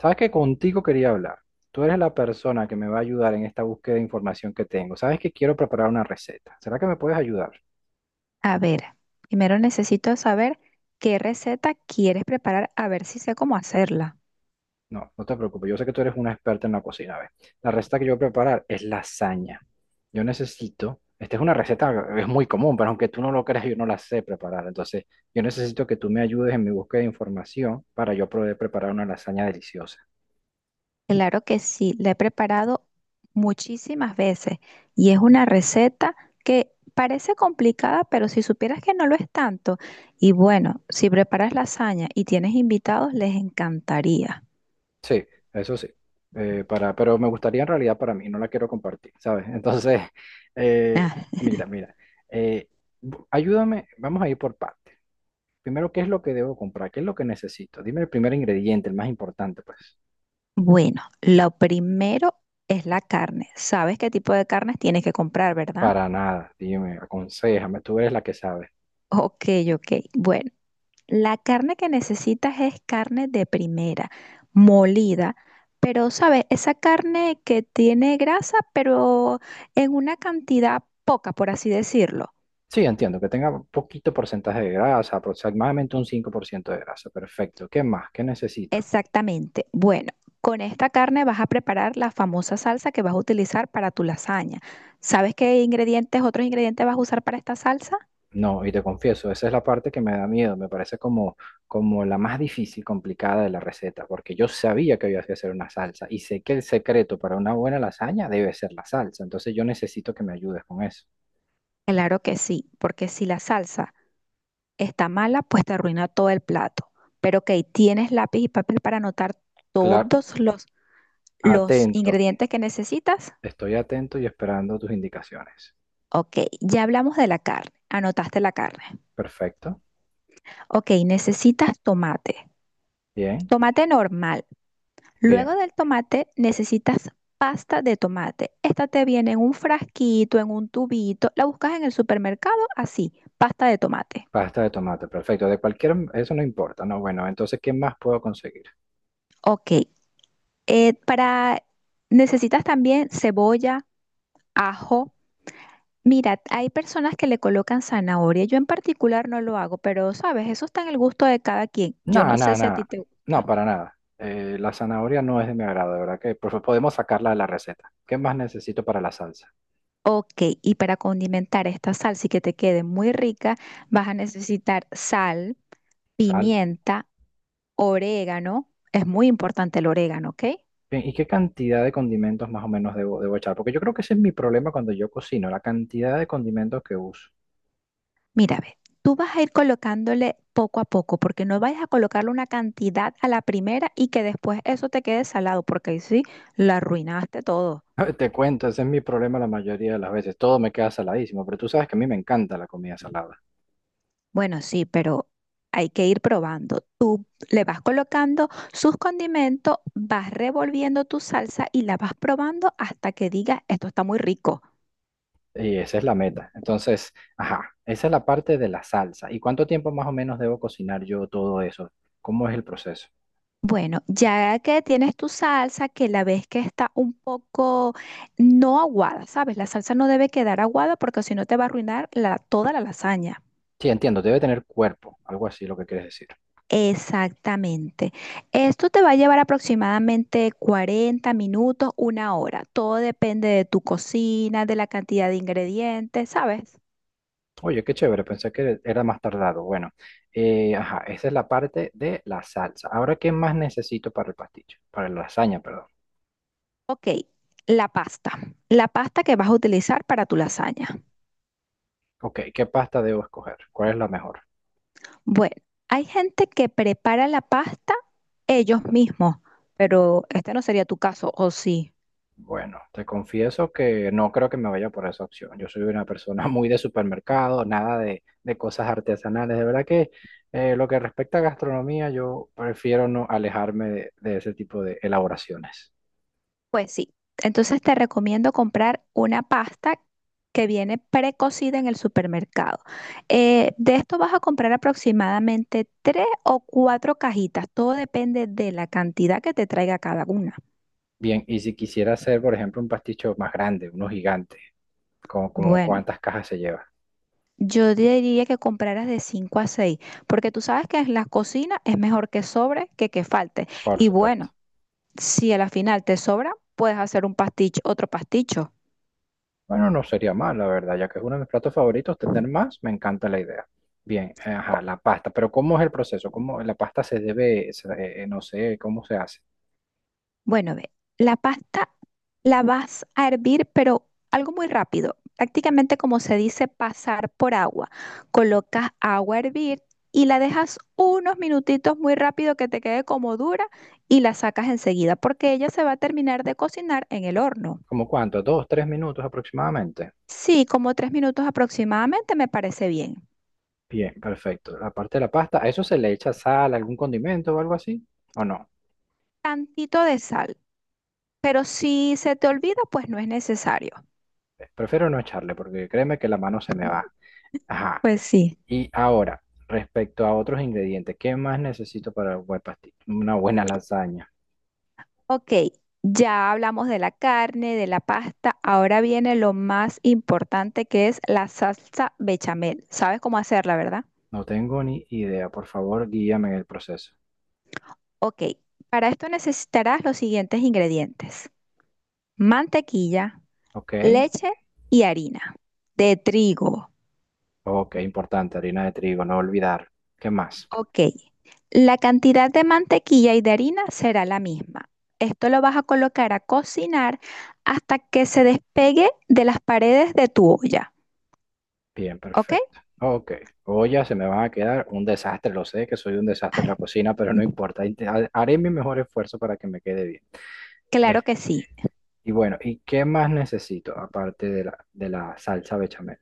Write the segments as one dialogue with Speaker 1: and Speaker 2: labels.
Speaker 1: Sabes que contigo quería hablar. Tú eres la persona que me va a ayudar en esta búsqueda de información que tengo. Sabes que quiero preparar una receta. ¿Será que me puedes ayudar?
Speaker 2: A ver, primero necesito saber qué receta quieres preparar, a ver si sé cómo hacerla.
Speaker 1: No, no te preocupes. Yo sé que tú eres una experta en la cocina. A ver, la receta que yo voy a preparar es lasaña. Yo necesito, esta es una receta, es muy común, pero aunque tú no lo creas, yo no la sé preparar. Entonces, yo necesito que tú me ayudes en mi búsqueda de información para yo poder preparar una lasaña deliciosa.
Speaker 2: Claro que sí, la he preparado muchísimas veces y es una receta que parece complicada, pero si supieras que no lo es tanto, y bueno, si preparas lasaña y tienes invitados, les encantaría.
Speaker 1: Sí, eso sí. Pero me gustaría en realidad para mí, no la quiero compartir, ¿sabes? Entonces, eh,
Speaker 2: Ah,
Speaker 1: mira, mira, eh, ayúdame, vamos a ir por partes. Primero, ¿qué es lo que debo comprar? ¿Qué es lo que necesito? Dime el primer ingrediente, el más importante, pues.
Speaker 2: bueno, lo primero es la carne. ¿Sabes qué tipo de carnes tienes que comprar, verdad?
Speaker 1: Para nada, dime, aconséjame, tú eres la que sabe.
Speaker 2: Ok, ok. Bueno. La carne que necesitas es carne de primera, molida, pero sabes, esa carne que tiene grasa, pero en una cantidad poca, por así decirlo.
Speaker 1: Sí, entiendo, que tenga poquito porcentaje de grasa, aproximadamente un 5% de grasa, perfecto. ¿Qué más? ¿Qué necesito?
Speaker 2: Exactamente. Bueno, con esta carne vas a preparar la famosa salsa que vas a utilizar para tu lasaña. ¿Sabes qué ingredientes, otros ingredientes vas a usar para esta salsa?
Speaker 1: No, y te confieso, esa es la parte que me da miedo, me parece como, la más difícil, complicada de la receta, porque yo sabía que había que hacer una salsa y sé que el secreto para una buena lasaña debe ser la salsa, entonces yo necesito que me ayudes con eso.
Speaker 2: Claro que sí, porque si la salsa está mala, pues te arruina todo el plato. Pero ok, ¿tienes lápiz y papel para anotar
Speaker 1: Claro,
Speaker 2: todos los
Speaker 1: atento,
Speaker 2: ingredientes que necesitas?
Speaker 1: estoy atento y esperando tus indicaciones.
Speaker 2: Ok, ya hablamos de la carne. Anotaste la carne.
Speaker 1: Perfecto,
Speaker 2: Ok, necesitas tomate.
Speaker 1: bien,
Speaker 2: Tomate normal.
Speaker 1: bien.
Speaker 2: Luego del tomate necesitas pasta de tomate. Esta te viene en un frasquito, en un tubito. La buscas en el supermercado así, pasta de tomate.
Speaker 1: Pasta de tomate, perfecto, de cualquier, eso no importa, no, bueno, entonces, ¿qué más puedo conseguir?
Speaker 2: Ok, para necesitas también cebolla, ajo. Mira, hay personas que le colocan zanahoria. Yo en particular no lo hago, pero sabes, eso está en el gusto de cada quien. Yo
Speaker 1: No,
Speaker 2: no
Speaker 1: no,
Speaker 2: sé si a
Speaker 1: no,
Speaker 2: ti te gusta.
Speaker 1: no, para nada. La zanahoria no es de mi agrado, de verdad que por favor, podemos sacarla de la receta. ¿Qué más necesito para la salsa?
Speaker 2: Ok, y para condimentar esta salsa y que te quede muy rica, vas a necesitar sal,
Speaker 1: Sal.
Speaker 2: pimienta, orégano. Es muy importante el orégano, ¿ok?
Speaker 1: Bien, ¿y qué cantidad de condimentos más o menos debo echar? Porque yo creo que ese es mi problema cuando yo cocino, la cantidad de condimentos que uso.
Speaker 2: Mira, ve, tú vas a ir colocándole poco a poco, porque no vayas a colocarle una cantidad a la primera y que después eso te quede salado, porque ahí sí la arruinaste todo.
Speaker 1: Te cuento, ese es mi problema la mayoría de las veces. Todo me queda saladísimo, pero tú sabes que a mí me encanta la comida salada.
Speaker 2: Bueno, sí, pero hay que ir probando. Le vas colocando sus condimentos, vas revolviendo tu salsa y la vas probando hasta que digas, esto está muy rico.
Speaker 1: Y esa es la meta. Entonces, ajá, esa es la parte de la salsa. ¿Y cuánto tiempo más o menos debo cocinar yo todo eso? ¿Cómo es el proceso?
Speaker 2: Bueno, ya que tienes tu salsa, que la ves que está un poco no aguada, ¿sabes? La salsa no debe quedar aguada porque si no te va a arruinar toda la lasaña.
Speaker 1: Sí, entiendo, debe tener cuerpo, algo así lo que quieres decir.
Speaker 2: Exactamente. Esto te va a llevar aproximadamente 40 minutos, una hora. Todo depende de tu cocina, de la cantidad de ingredientes, ¿sabes?
Speaker 1: Oye, qué chévere, pensé que era más tardado. Bueno, ajá, esa es la parte de la salsa. Ahora, ¿qué más necesito para el pastillo? Para la lasaña, perdón.
Speaker 2: Ok, la pasta. La pasta que vas a utilizar para tu lasaña.
Speaker 1: Ok, ¿qué pasta debo escoger? ¿Cuál es la mejor?
Speaker 2: Bueno, hay gente que prepara la pasta ellos mismos, pero este no sería tu caso, ¿o sí?
Speaker 1: Bueno, te confieso que no creo que me vaya por esa opción. Yo soy una persona muy de supermercado, nada de cosas artesanales. De verdad que lo que respecta a gastronomía, yo prefiero no alejarme de ese tipo de elaboraciones.
Speaker 2: Pues sí, entonces te recomiendo comprar una pasta que viene precocida en el supermercado. De esto vas a comprar aproximadamente tres o cuatro cajitas, todo depende de la cantidad que te traiga cada una.
Speaker 1: Bien, y si quisiera hacer, por ejemplo, un pasticho más grande, uno gigante, como, como
Speaker 2: Bueno,
Speaker 1: cuántas cajas se lleva,
Speaker 2: yo diría que compraras de cinco a seis, porque tú sabes que en la cocina es mejor que sobre que falte.
Speaker 1: por
Speaker 2: Y
Speaker 1: supuesto.
Speaker 2: bueno, si a la final te sobra, puedes hacer un pasticho, otro pasticho.
Speaker 1: Bueno, no sería mal, la verdad, ya que es uno de mis platos favoritos, tener más, me encanta la idea. Bien, ajá, la pasta, pero ¿cómo es el proceso? ¿Cómo la pasta se debe, no sé, cómo se hace?
Speaker 2: Bueno, ve, la pasta la vas a hervir, pero algo muy rápido. Prácticamente como se dice, pasar por agua. Colocas agua a hervir y la dejas unos minutitos muy rápido que te quede como dura y la sacas enseguida porque ella se va a terminar de cocinar en el horno.
Speaker 1: ¿Cómo cuánto? ¿2, 3 minutos aproximadamente?
Speaker 2: Sí, como 3 minutos aproximadamente me parece bien.
Speaker 1: Bien, perfecto. La parte de la pasta, ¿a eso se le echa sal, algún condimento o algo así? ¿O no?
Speaker 2: Tantito de sal, pero si se te olvida, pues no es necesario.
Speaker 1: Prefiero no echarle porque créeme que la mano se me va. Ajá.
Speaker 2: Pues sí.
Speaker 1: Y ahora, respecto a otros ingredientes, ¿qué más necesito para una buena lasaña?
Speaker 2: Ok, ya hablamos de la carne, de la pasta, ahora viene lo más importante que es la salsa bechamel. ¿Sabes cómo hacerla, verdad?
Speaker 1: No tengo ni idea. Por favor, guíame en el proceso.
Speaker 2: Ok, para esto necesitarás los siguientes ingredientes. Mantequilla,
Speaker 1: Ok,
Speaker 2: leche y harina de trigo.
Speaker 1: ok, importante, harina de trigo, no olvidar. ¿Qué más?
Speaker 2: Ok, la cantidad de mantequilla y de harina será la misma. Esto lo vas a colocar a cocinar hasta que se despegue de las paredes de tu olla.
Speaker 1: Bien,
Speaker 2: ¿Ok?
Speaker 1: perfecto. Ok, ollas se me van a quedar un desastre, lo sé que soy un desastre en la cocina, pero no importa, haré mi mejor esfuerzo para que me quede bien.
Speaker 2: Claro que
Speaker 1: Este,
Speaker 2: sí.
Speaker 1: y bueno, ¿y qué más necesito aparte de la salsa bechamel?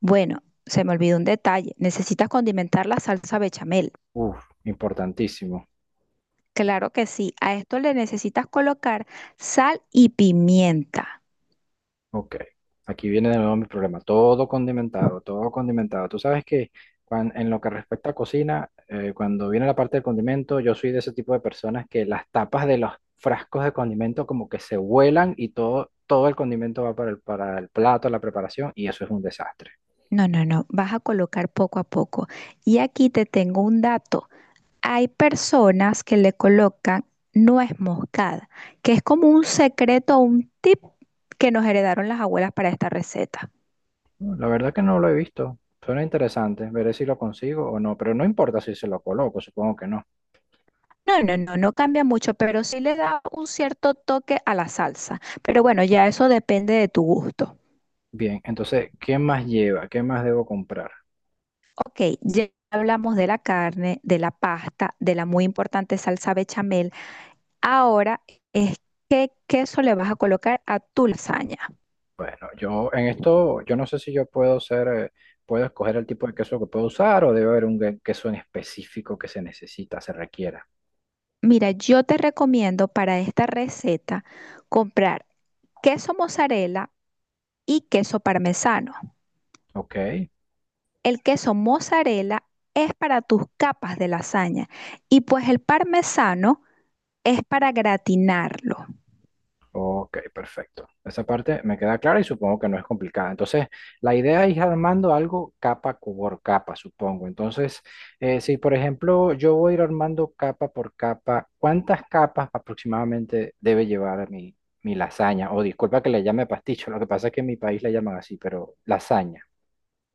Speaker 2: Bueno, se me olvidó un detalle. Necesitas condimentar la salsa bechamel.
Speaker 1: Uf, importantísimo.
Speaker 2: Claro que sí. A esto le necesitas colocar sal y pimienta.
Speaker 1: Ok, aquí viene de nuevo mi problema. Todo condimentado, todo condimentado. Tú sabes que en lo que respecta a cocina, cuando viene la parte del condimento, yo soy de ese tipo de personas que las tapas de los frascos de condimento como que se vuelan y todo, el condimento va para el plato, la preparación, y eso es un desastre.
Speaker 2: No, no, no. Vas a colocar poco a poco. Y aquí te tengo un dato. Hay personas que le colocan nuez moscada, que es como un secreto, o un tip que nos heredaron las abuelas para esta receta.
Speaker 1: No, la verdad que no lo he visto. Suena interesante, veré si lo consigo o no, pero no importa si se lo coloco, supongo que no.
Speaker 2: No, no, no, no cambia mucho, pero sí le da un cierto toque a la salsa. Pero bueno, ya eso depende de tu gusto.
Speaker 1: Bien, entonces, ¿qué más lleva? ¿Qué más debo comprar?
Speaker 2: Ok, ya hablamos de la carne, de la pasta, de la muy importante salsa bechamel. Ahora es qué queso le vas a colocar a tu lasaña.
Speaker 1: Bueno, yo en esto, yo no sé si yo puedo ser, puedo escoger el tipo de queso que puedo usar o debe haber un queso en específico que se necesita, se requiera.
Speaker 2: Mira, yo te recomiendo para esta receta comprar queso mozzarella y queso parmesano.
Speaker 1: Ok,
Speaker 2: El queso mozzarella es para tus capas de lasaña y pues el parmesano es para gratinarlo.
Speaker 1: ok, perfecto. Esa parte me queda clara y supongo que no es complicada. Entonces, la idea es ir armando algo capa por capa, supongo. Entonces, si por ejemplo yo voy a ir armando capa por capa, ¿cuántas capas aproximadamente debe llevar mi lasaña? O disculpa que le llame pasticho, lo que pasa es que en mi país le llaman así, pero lasaña.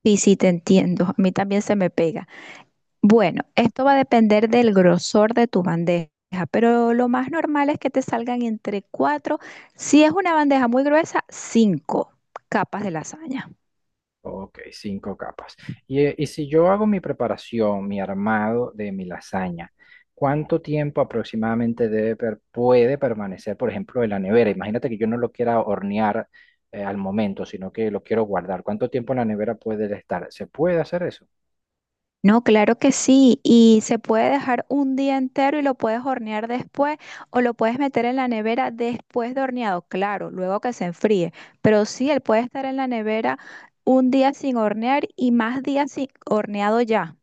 Speaker 2: Sí, sí, te entiendo. A mí también se me pega. Bueno, esto va a depender del grosor de tu bandeja, pero lo más normal es que te salgan entre cuatro, si es una bandeja muy gruesa, cinco capas de lasaña.
Speaker 1: Ok, cinco capas. Y si yo hago mi preparación, mi armado de mi lasaña, ¿cuánto tiempo aproximadamente debe puede permanecer, por ejemplo, en la nevera? Imagínate que yo no lo quiera hornear al momento, sino que lo quiero guardar. ¿Cuánto tiempo en la nevera puede estar? ¿Se puede hacer eso?
Speaker 2: No, claro que sí, y se puede dejar un día entero y lo puedes hornear después o lo puedes meter en la nevera después de horneado, claro, luego que se enfríe, pero sí, él puede estar en la nevera un día sin hornear y más días sin horneado ya.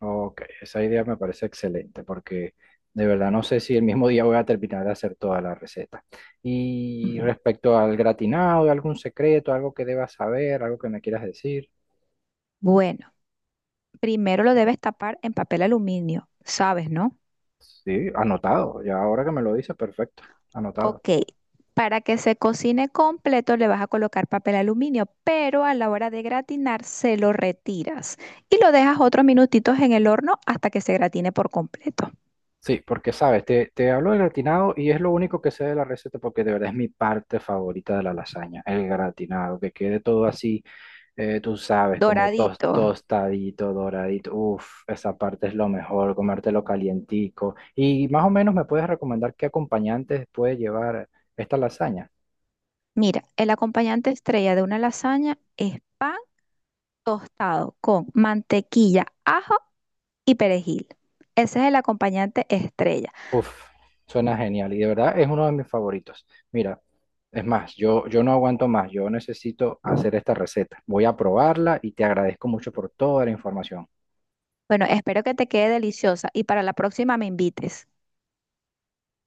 Speaker 1: Ok, esa idea me parece excelente porque de verdad no sé si el mismo día voy a terminar de hacer toda la receta. Y respecto al gratinado, ¿algún secreto, algo que debas saber, algo que me quieras decir?
Speaker 2: Bueno, primero lo debes tapar en papel aluminio, ¿sabes, no?
Speaker 1: Sí, anotado. Ya ahora que me lo dices, perfecto. Anotado.
Speaker 2: Ok, para que se cocine completo le vas a colocar papel aluminio, pero a la hora de gratinar se lo retiras y lo dejas otros minutitos en el horno hasta que se gratine por completo.
Speaker 1: Sí, porque sabes, te, hablo del gratinado y es lo único que sé de la receta porque de verdad es mi parte favorita de la lasaña, el gratinado, que quede todo así, tú sabes, como
Speaker 2: Doradito.
Speaker 1: tostadito, doradito. Uf, esa parte es lo mejor, comértelo calientico. Y más o menos me puedes recomendar qué acompañantes puede llevar esta lasaña.
Speaker 2: Mira, el acompañante estrella de una lasaña es pan tostado con mantequilla, ajo y perejil. Ese es el acompañante estrella.
Speaker 1: Uf, suena genial y de verdad es uno de mis favoritos. Mira, es más, yo, no aguanto más, yo necesito hacer esta receta. Voy a probarla y te agradezco mucho por toda la información.
Speaker 2: Bueno, espero que te quede deliciosa y para la próxima me invites.